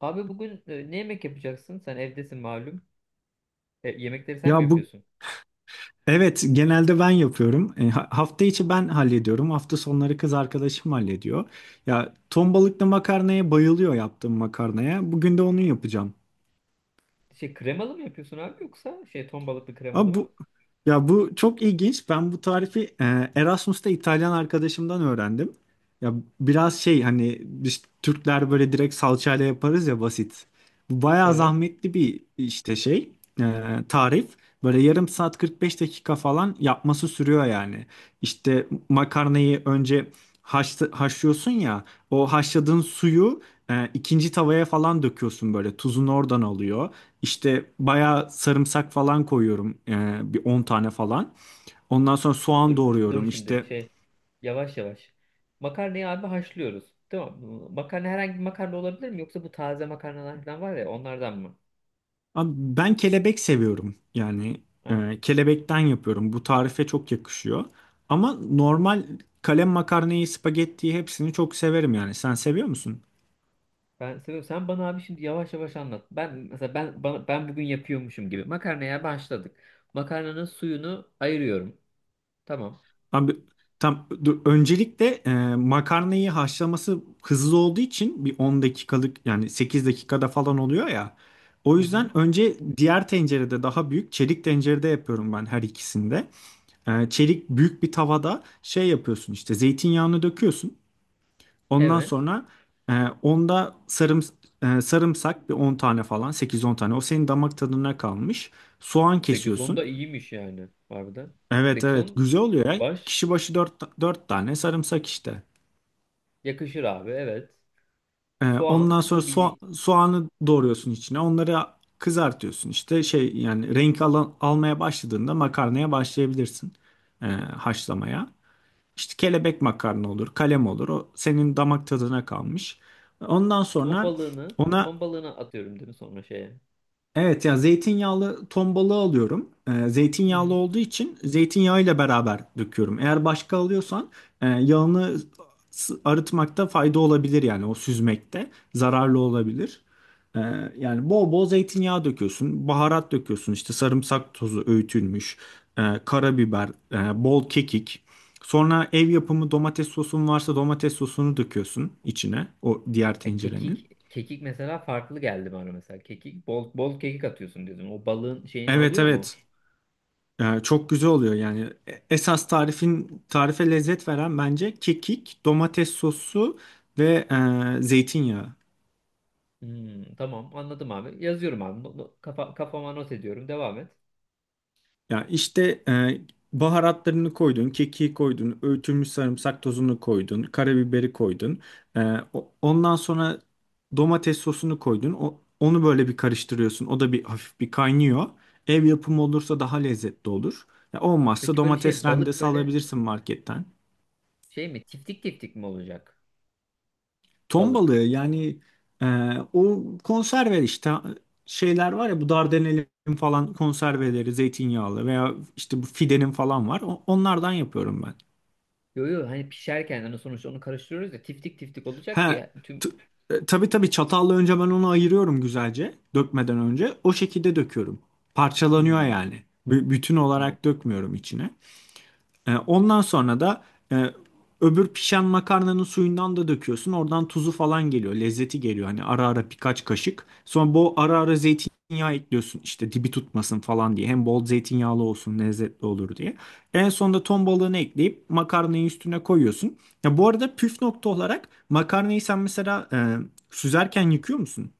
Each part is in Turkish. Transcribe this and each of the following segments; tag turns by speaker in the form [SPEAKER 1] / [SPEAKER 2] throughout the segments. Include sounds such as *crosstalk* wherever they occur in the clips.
[SPEAKER 1] Abi bugün ne yemek yapacaksın? Sen evdesin malum. Yemekleri sen mi
[SPEAKER 2] Ya bu
[SPEAKER 1] yapıyorsun?
[SPEAKER 2] Evet, genelde ben yapıyorum. Hafta içi ben hallediyorum. Hafta sonları kız arkadaşım hallediyor. Ya, ton balıklı makarnaya bayılıyor, yaptığım makarnaya. Bugün de onu yapacağım.
[SPEAKER 1] Şey kremalı mı yapıyorsun abi yoksa şey ton balıklı kremalı
[SPEAKER 2] Ama bu
[SPEAKER 1] mı?
[SPEAKER 2] Ya, bu çok ilginç. Ben bu tarifi Erasmus'ta İtalyan arkadaşımdan öğrendim. Ya, biraz şey, hani biz Türkler böyle direkt salçayla yaparız ya, basit. Bu bayağı
[SPEAKER 1] Evet.
[SPEAKER 2] zahmetli bir işte, e, tarif. Böyle yarım saat, 45 dakika falan yapması sürüyor yani. İşte makarnayı önce haşlıyorsun ya. O haşladığın suyu ikinci tavaya falan döküyorsun böyle. Tuzunu oradan alıyor. İşte bayağı sarımsak falan koyuyorum, bir 10 tane falan. Ondan sonra
[SPEAKER 1] Dur
[SPEAKER 2] soğan
[SPEAKER 1] dur dur, dur
[SPEAKER 2] doğruyorum.
[SPEAKER 1] şimdi şey yavaş yavaş. Makarnayı abi haşlıyoruz. Tamam mı? Makarna herhangi bir makarna olabilir mi? Yoksa bu taze makarnalar falan var ya onlardan mı?
[SPEAKER 2] Abi, ben kelebek seviyorum. Yani
[SPEAKER 1] Ha,
[SPEAKER 2] kelebekten yapıyorum. Bu tarife çok yakışıyor. Ama normal kalem makarnayı, spagettiyi, hepsini çok severim yani. Sen seviyor musun?
[SPEAKER 1] ben seviyorum. Sen bana abi şimdi yavaş yavaş anlat. Ben mesela ben bugün yapıyormuşum gibi. Makarnaya başladık. Makarnanın suyunu ayırıyorum. Tamam.
[SPEAKER 2] Abi tam dur, öncelikle makarnayı haşlaması hızlı olduğu için bir 10 dakikalık, yani 8 dakikada falan oluyor ya. O
[SPEAKER 1] Hı hı.
[SPEAKER 2] yüzden önce diğer tencerede, daha büyük çelik tencerede yapıyorum ben, her ikisinde. Çelik büyük bir tavada yapıyorsun işte, zeytinyağını döküyorsun. Ondan
[SPEAKER 1] Evet.
[SPEAKER 2] sonra e, onda sarım, sarımsak bir 10 tane falan, sekiz on tane, o senin damak tadına kalmış. Soğan
[SPEAKER 1] 8-10
[SPEAKER 2] kesiyorsun.
[SPEAKER 1] da iyiymiş yani harbiden.
[SPEAKER 2] Evet, evet,
[SPEAKER 1] 8-10
[SPEAKER 2] güzel oluyor ya.
[SPEAKER 1] baş
[SPEAKER 2] Kişi başı dört tane sarımsak işte.
[SPEAKER 1] yakışır abi evet.
[SPEAKER 2] Ondan
[SPEAKER 1] Soğan,
[SPEAKER 2] sonra
[SPEAKER 1] bildi
[SPEAKER 2] soğanı doğruyorsun içine. Onları kızartıyorsun işte, yani renk almaya başladığında makarnaya başlayabilirsin haşlamaya. İşte kelebek makarna olur, kalem olur. O senin damak tadına kalmış. Ondan sonra ona
[SPEAKER 1] ton balığını atıyorum değil mi sonra şeye?
[SPEAKER 2] Evet ya, zeytinyağlı ton balığı alıyorum.
[SPEAKER 1] Hı
[SPEAKER 2] Zeytinyağlı
[SPEAKER 1] hı.
[SPEAKER 2] olduğu için zeytinyağıyla beraber döküyorum. Eğer başka alıyorsan yağını arıtmakta fayda olabilir, yani o süzmekte zararlı olabilir. Ee, Yani bol bol zeytinyağı döküyorsun, baharat döküyorsun işte, sarımsak tozu öğütülmüş, karabiber, bol kekik. Sonra ev yapımı domates sosun varsa, domates sosunu döküyorsun içine, o diğer tencerenin.
[SPEAKER 1] Kekik mesela farklı geldi bana mesela. Kekik, bol bol kekik atıyorsun dedim. O balığın şeyini
[SPEAKER 2] Evet,
[SPEAKER 1] alıyor mu?
[SPEAKER 2] evet. Çok güzel oluyor yani. E- Esas tarifin Tarife lezzet veren bence kekik, domates sosu ve zeytinyağı.
[SPEAKER 1] Hmm, tamam anladım abi. Yazıyorum abi. Kafama not ediyorum. Devam et.
[SPEAKER 2] Ya işte, baharatlarını koydun, kekiği koydun, öğütülmüş sarımsak tozunu koydun, karabiberi koydun. E, Ondan sonra domates sosunu koydun. Onu böyle bir karıştırıyorsun. O da bir hafif bir kaynıyor. Ev yapımı olursa daha lezzetli olur. Ya olmazsa
[SPEAKER 1] Peki böyle
[SPEAKER 2] domates
[SPEAKER 1] şey balık
[SPEAKER 2] rendesi
[SPEAKER 1] böyle
[SPEAKER 2] alabilirsin marketten.
[SPEAKER 1] şey mi? Tiftik tiftik mi olacak
[SPEAKER 2] Ton balığı
[SPEAKER 1] balık?
[SPEAKER 2] yani, e, o konserve işte şeyler var ya, bu Dardanel'in falan konserveleri zeytinyağlı, veya işte bu Fide'nin falan var. Onlardan yapıyorum ben.
[SPEAKER 1] Yo yo hani pişerken hani sonuçta onu karıştırıyoruz ya tiftik tiftik olacak ki
[SPEAKER 2] He.
[SPEAKER 1] ya, tüm.
[SPEAKER 2] t- tabii, tabii, çatalla önce ben onu ayırıyorum güzelce, dökmeden önce. O şekilde döküyorum. Parçalanıyor
[SPEAKER 1] Hmm,
[SPEAKER 2] yani. Bütün
[SPEAKER 1] tamam.
[SPEAKER 2] olarak dökmüyorum içine. Ondan sonra da e, öbür pişen makarnanın suyundan da döküyorsun. Oradan tuzu falan geliyor. Lezzeti geliyor. Hani ara ara birkaç kaşık. Sonra bu ara ara zeytinyağı ekliyorsun. İşte dibi tutmasın falan diye. Hem bol zeytinyağlı olsun, lezzetli olur diye. En sonunda ton balığını ekleyip makarnayı üstüne koyuyorsun. Ya bu arada, püf nokta olarak makarnayı sen mesela süzerken yıkıyor musun?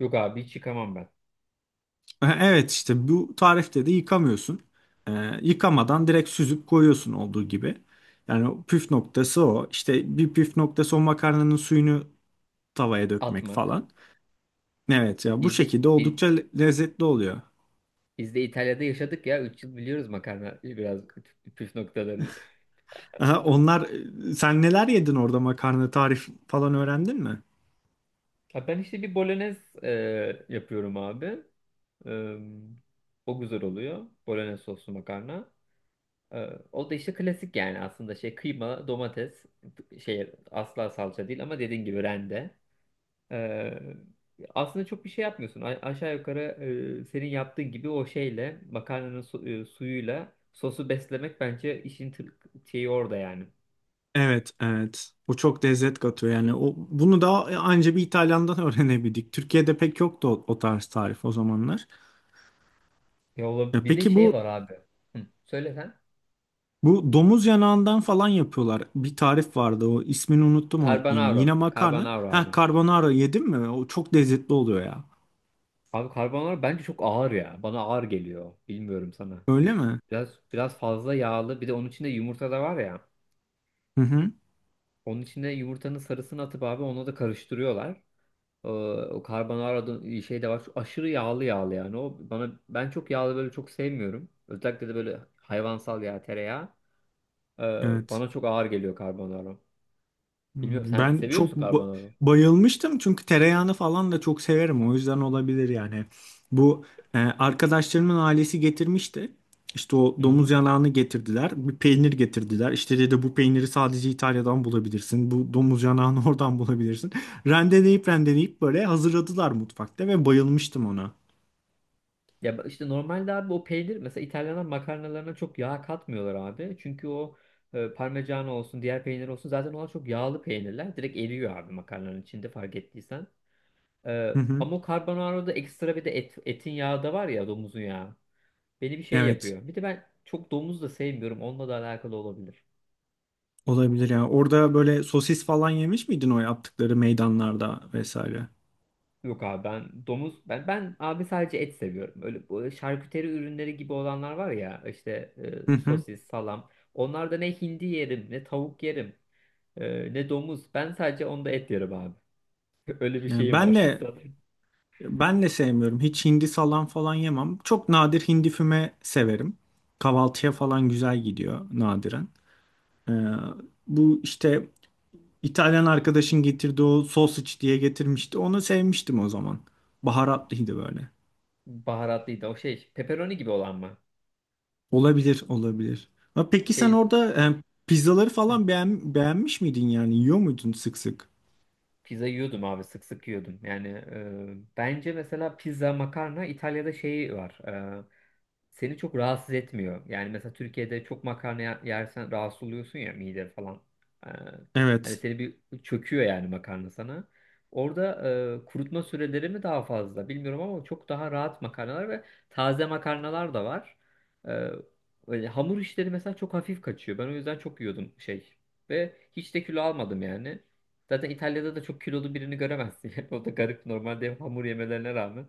[SPEAKER 1] Yok abi hiç yıkamam ben.
[SPEAKER 2] Evet, işte bu tarifte de yıkamıyorsun. E, Yıkamadan direkt süzüp koyuyorsun olduğu gibi. Yani o püf noktası o. İşte bir püf noktası, o makarnanın suyunu tavaya dökmek
[SPEAKER 1] Atmak.
[SPEAKER 2] falan. Evet ya, bu
[SPEAKER 1] Biz de
[SPEAKER 2] şekilde
[SPEAKER 1] biz,
[SPEAKER 2] oldukça lezzetli oluyor.
[SPEAKER 1] biz de İtalya'da yaşadık ya 3 yıl biliyoruz makarna biraz püf noktalarını.
[SPEAKER 2] Aha, onlar Sen neler yedin orada, makarna tarif falan öğrendin mi?
[SPEAKER 1] Ha, ben işte bir bolognese yapıyorum abi. E, O güzel oluyor. Bolognese soslu makarna. E, O da işte klasik yani aslında şey kıyma, domates, şey asla salça değil ama dediğin gibi rende. Ee, Aslında çok bir şey yapmıyorsun. Aşağı yukarı senin yaptığın gibi o şeyle makarnanın suyuyla sosu beslemek bence işin şeyi orada yani.
[SPEAKER 2] Evet, evet. O çok lezzet katıyor yani. O, bunu da anca bir İtalyan'dan *laughs* öğrenebildik. Türkiye'de pek yoktu o tarz tarif, o zamanlar.
[SPEAKER 1] Ya
[SPEAKER 2] E,
[SPEAKER 1] bir de
[SPEAKER 2] peki
[SPEAKER 1] şey
[SPEAKER 2] bu
[SPEAKER 1] var abi. Hı, söyle sen.
[SPEAKER 2] Bu domuz yanağından falan yapıyorlar. Bir tarif vardı, o ismini unuttum, o yemeğin.
[SPEAKER 1] Carbonaro.
[SPEAKER 2] Yine makarna.
[SPEAKER 1] Carbonaro
[SPEAKER 2] Ha,
[SPEAKER 1] abi.
[SPEAKER 2] carbonara yedim mi? O çok lezzetli oluyor ya.
[SPEAKER 1] Abi carbonaro bence çok ağır ya. Bana ağır geliyor. Bilmiyorum sana.
[SPEAKER 2] Öyle mi?
[SPEAKER 1] Biraz fazla yağlı. Bir de onun içinde yumurta da var ya.
[SPEAKER 2] Hı hı.
[SPEAKER 1] Onun içinde yumurtanın sarısını atıp abi onu da karıştırıyorlar. Ee, O carbonara'da şey de var. Şu aşırı yağlı yağlı yani. O bana ben çok yağlı böyle çok sevmiyorum. Özellikle de böyle hayvansal yağ, tereyağı.
[SPEAKER 2] Evet.
[SPEAKER 1] Bana çok ağır geliyor carbonara. Bilmiyorum
[SPEAKER 2] Hmm.
[SPEAKER 1] sen
[SPEAKER 2] Ben
[SPEAKER 1] seviyor musun
[SPEAKER 2] çok
[SPEAKER 1] carbonara?
[SPEAKER 2] bayılmıştım çünkü tereyağını falan da çok severim. O yüzden olabilir yani. Bu, arkadaşlarımın ailesi getirmişti. İşte o
[SPEAKER 1] Hı
[SPEAKER 2] domuz
[SPEAKER 1] hı.
[SPEAKER 2] yanağını getirdiler. Bir peynir getirdiler. İşte dedi, bu peyniri sadece İtalya'dan bulabilirsin. Bu domuz yanağını *laughs* oradan bulabilirsin. Rendeleyip rendeleyip böyle hazırladılar mutfakta ve bayılmıştım ona.
[SPEAKER 1] Ya işte normalde abi o peynir mesela İtalyanlar makarnalarına çok yağ katmıyorlar abi. Çünkü o parmigiano olsun diğer peynir olsun zaten onlar çok yağlı peynirler. Direkt eriyor abi makarnanın içinde fark ettiysen.
[SPEAKER 2] Hı hı.
[SPEAKER 1] Ama o carbonara'da ekstra bir de etin yağı da var ya domuzun yağı. Beni bir şey
[SPEAKER 2] Evet.
[SPEAKER 1] yapıyor. Bir de ben çok domuz da sevmiyorum. Onunla da alakalı olabilir.
[SPEAKER 2] Olabilir yani. Orada böyle sosis falan yemiş miydin, o yaptıkları meydanlarda vesaire?
[SPEAKER 1] Yok abi ben domuz ben ben abi sadece et seviyorum. Öyle bu şarküteri ürünleri gibi olanlar var ya işte
[SPEAKER 2] Hı hı.
[SPEAKER 1] sosis, salam. Onlarda ne hindi yerim, ne tavuk yerim, ne domuz. Ben sadece onda et yerim abi. *laughs* Öyle bir
[SPEAKER 2] Yani
[SPEAKER 1] şeyim
[SPEAKER 2] ben
[SPEAKER 1] var. *laughs*
[SPEAKER 2] de
[SPEAKER 1] Zaten
[SPEAKER 2] Ben de sevmiyorum. Hiç hindi salam falan yemem. Çok nadir hindi füme severim. Kahvaltıya falan güzel gidiyor nadiren. Ee, Bu işte, İtalyan arkadaşın getirdiği o sausage diye getirmişti. Onu sevmiştim o zaman. Baharatlıydı böyle.
[SPEAKER 1] baharatlıydı o şey. Pepperoni gibi olan mı?
[SPEAKER 2] Olabilir, olabilir. Ha, peki sen
[SPEAKER 1] Şey
[SPEAKER 2] orada pizzaları
[SPEAKER 1] hı.
[SPEAKER 2] falan beğenmiş miydin yani? Yiyor muydun sık sık?
[SPEAKER 1] Pizza yiyordum abi sık sık yiyordum. Yani bence mesela pizza, makarna İtalya'da şey var. e, Seni çok rahatsız etmiyor. Yani mesela Türkiye'de çok makarna yersen rahatsız oluyorsun ya mide falan. E, Hani
[SPEAKER 2] Evet.
[SPEAKER 1] seni bir çöküyor yani makarna sana. Orada kurutma süreleri mi daha fazla bilmiyorum ama çok daha rahat makarnalar ve taze makarnalar da var. E, Öyle hamur işleri mesela çok hafif kaçıyor. Ben o yüzden çok yiyordum şey. Ve hiç de kilo almadım yani. Zaten İtalya'da da çok kilolu birini göremezsin. *laughs* Yani o da garip normalde hep hamur yemelerine rağmen.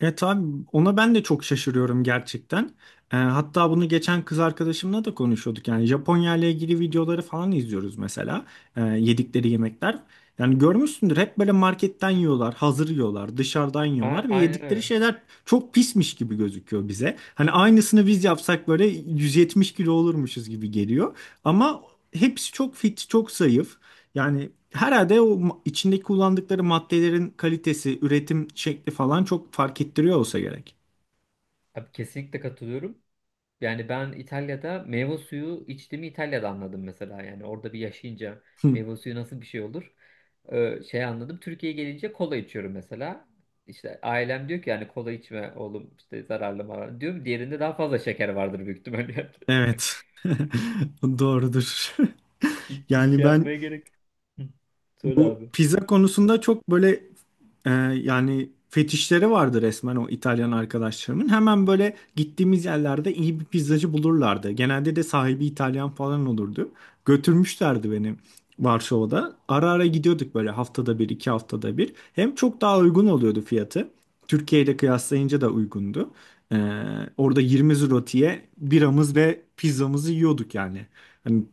[SPEAKER 2] Evet abi, ona ben de çok şaşırıyorum gerçekten. Hatta bunu geçen kız arkadaşımla da konuşuyorduk. Yani Japonya ile ilgili videoları falan izliyoruz mesela. Yedikleri yemekler. Yani görmüşsündür, hep böyle marketten yiyorlar, hazır yiyorlar, dışarıdan
[SPEAKER 1] A
[SPEAKER 2] yiyorlar ve
[SPEAKER 1] aynen
[SPEAKER 2] yedikleri
[SPEAKER 1] öyle.
[SPEAKER 2] şeyler çok pismiş gibi gözüküyor bize. Hani aynısını biz yapsak böyle 170 kilo olurmuşuz gibi geliyor. Ama hepsi çok fit, çok zayıf. Yani herhalde o içindeki kullandıkları maddelerin kalitesi, üretim şekli falan çok fark ettiriyor olsa gerek.
[SPEAKER 1] Abi kesinlikle katılıyorum. Yani ben İtalya'da meyve suyu içtiğimi İtalya'da anladım mesela. Yani orada bir yaşayınca
[SPEAKER 2] Hı,
[SPEAKER 1] meyve suyu nasıl bir şey olur? Şey anladım. Türkiye'ye gelince kola içiyorum mesela. İşte ailem diyor ki yani kola içme oğlum işte zararlı mı? Diyorum diğerinde daha fazla şeker vardır büyük ihtimalle. *laughs* yani.
[SPEAKER 2] evet. *laughs* Doğrudur. *laughs*
[SPEAKER 1] Hiç
[SPEAKER 2] Yani
[SPEAKER 1] şey
[SPEAKER 2] ben
[SPEAKER 1] yapmaya gerek. Hı. Söyle
[SPEAKER 2] bu
[SPEAKER 1] abi.
[SPEAKER 2] pizza konusunda çok böyle... Ee, Yani fetişleri vardı resmen, o İtalyan arkadaşlarımın. Hemen böyle gittiğimiz yerlerde iyi bir pizzacı bulurlardı. Genelde de sahibi İtalyan falan olurdu. Götürmüşlerdi beni Varşova'da. Ara ara gidiyorduk böyle, haftada bir, iki haftada bir. Hem çok daha uygun oluyordu fiyatı. Türkiye ile kıyaslayınca da uygundu. Ee, Orada 20 zlotiye biramız ve pizzamızı yiyorduk yani. Hani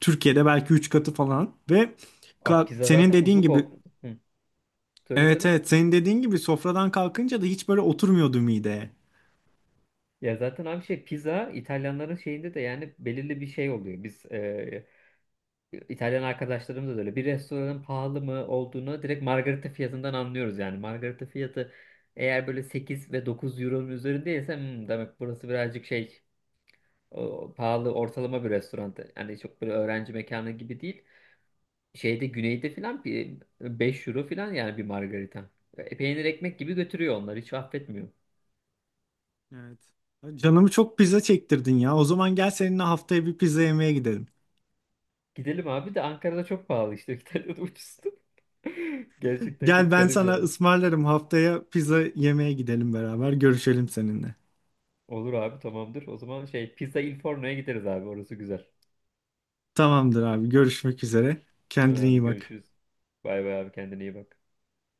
[SPEAKER 2] Türkiye'de belki 3 katı falan ve
[SPEAKER 1] Abi
[SPEAKER 2] ka-
[SPEAKER 1] pizza
[SPEAKER 2] senin
[SPEAKER 1] zaten
[SPEAKER 2] dediğin
[SPEAKER 1] uzuk
[SPEAKER 2] gibi
[SPEAKER 1] ol. Hı. Söyle
[SPEAKER 2] evet,
[SPEAKER 1] söyle.
[SPEAKER 2] evet, senin dediğin gibi sofradan kalkınca da hiç böyle oturmuyordu mideye.
[SPEAKER 1] Ya zaten abi şey pizza İtalyanların şeyinde de yani belirli bir şey oluyor. Biz İtalyan arkadaşlarımız da öyle. Bir restoranın pahalı mı olduğunu direkt margarita fiyatından anlıyoruz yani. Margarita fiyatı eğer böyle 8 ve 9 euronun üzerindeyse "Hmm, demek burası birazcık şey pahalı ortalama bir restoran." Yani çok böyle öğrenci mekanı gibi değil. Şeyde güneyde filan bir 5 euro filan yani bir margarita. Peynir ekmek gibi götürüyor onlar hiç affetmiyor.
[SPEAKER 2] Evet. Canımı çok pizza çektirdin ya. O zaman gel, seninle haftaya bir pizza yemeye gidelim.
[SPEAKER 1] Gidelim abi de Ankara'da çok pahalı işte. *laughs* İtalya'da ucuzdu. *laughs* Gerçekten
[SPEAKER 2] Gel,
[SPEAKER 1] çok
[SPEAKER 2] ben
[SPEAKER 1] garip
[SPEAKER 2] sana
[SPEAKER 1] yani.
[SPEAKER 2] ısmarlarım, haftaya pizza yemeye gidelim beraber. Görüşelim seninle.
[SPEAKER 1] Olur abi tamamdır. O zaman şey Pizza Il Forno'ya gideriz abi. Orası güzel.
[SPEAKER 2] Tamamdır abi, görüşmek üzere. Kendine
[SPEAKER 1] Hadi
[SPEAKER 2] iyi bak.
[SPEAKER 1] görüşürüz. Bay bay abi kendine iyi bak.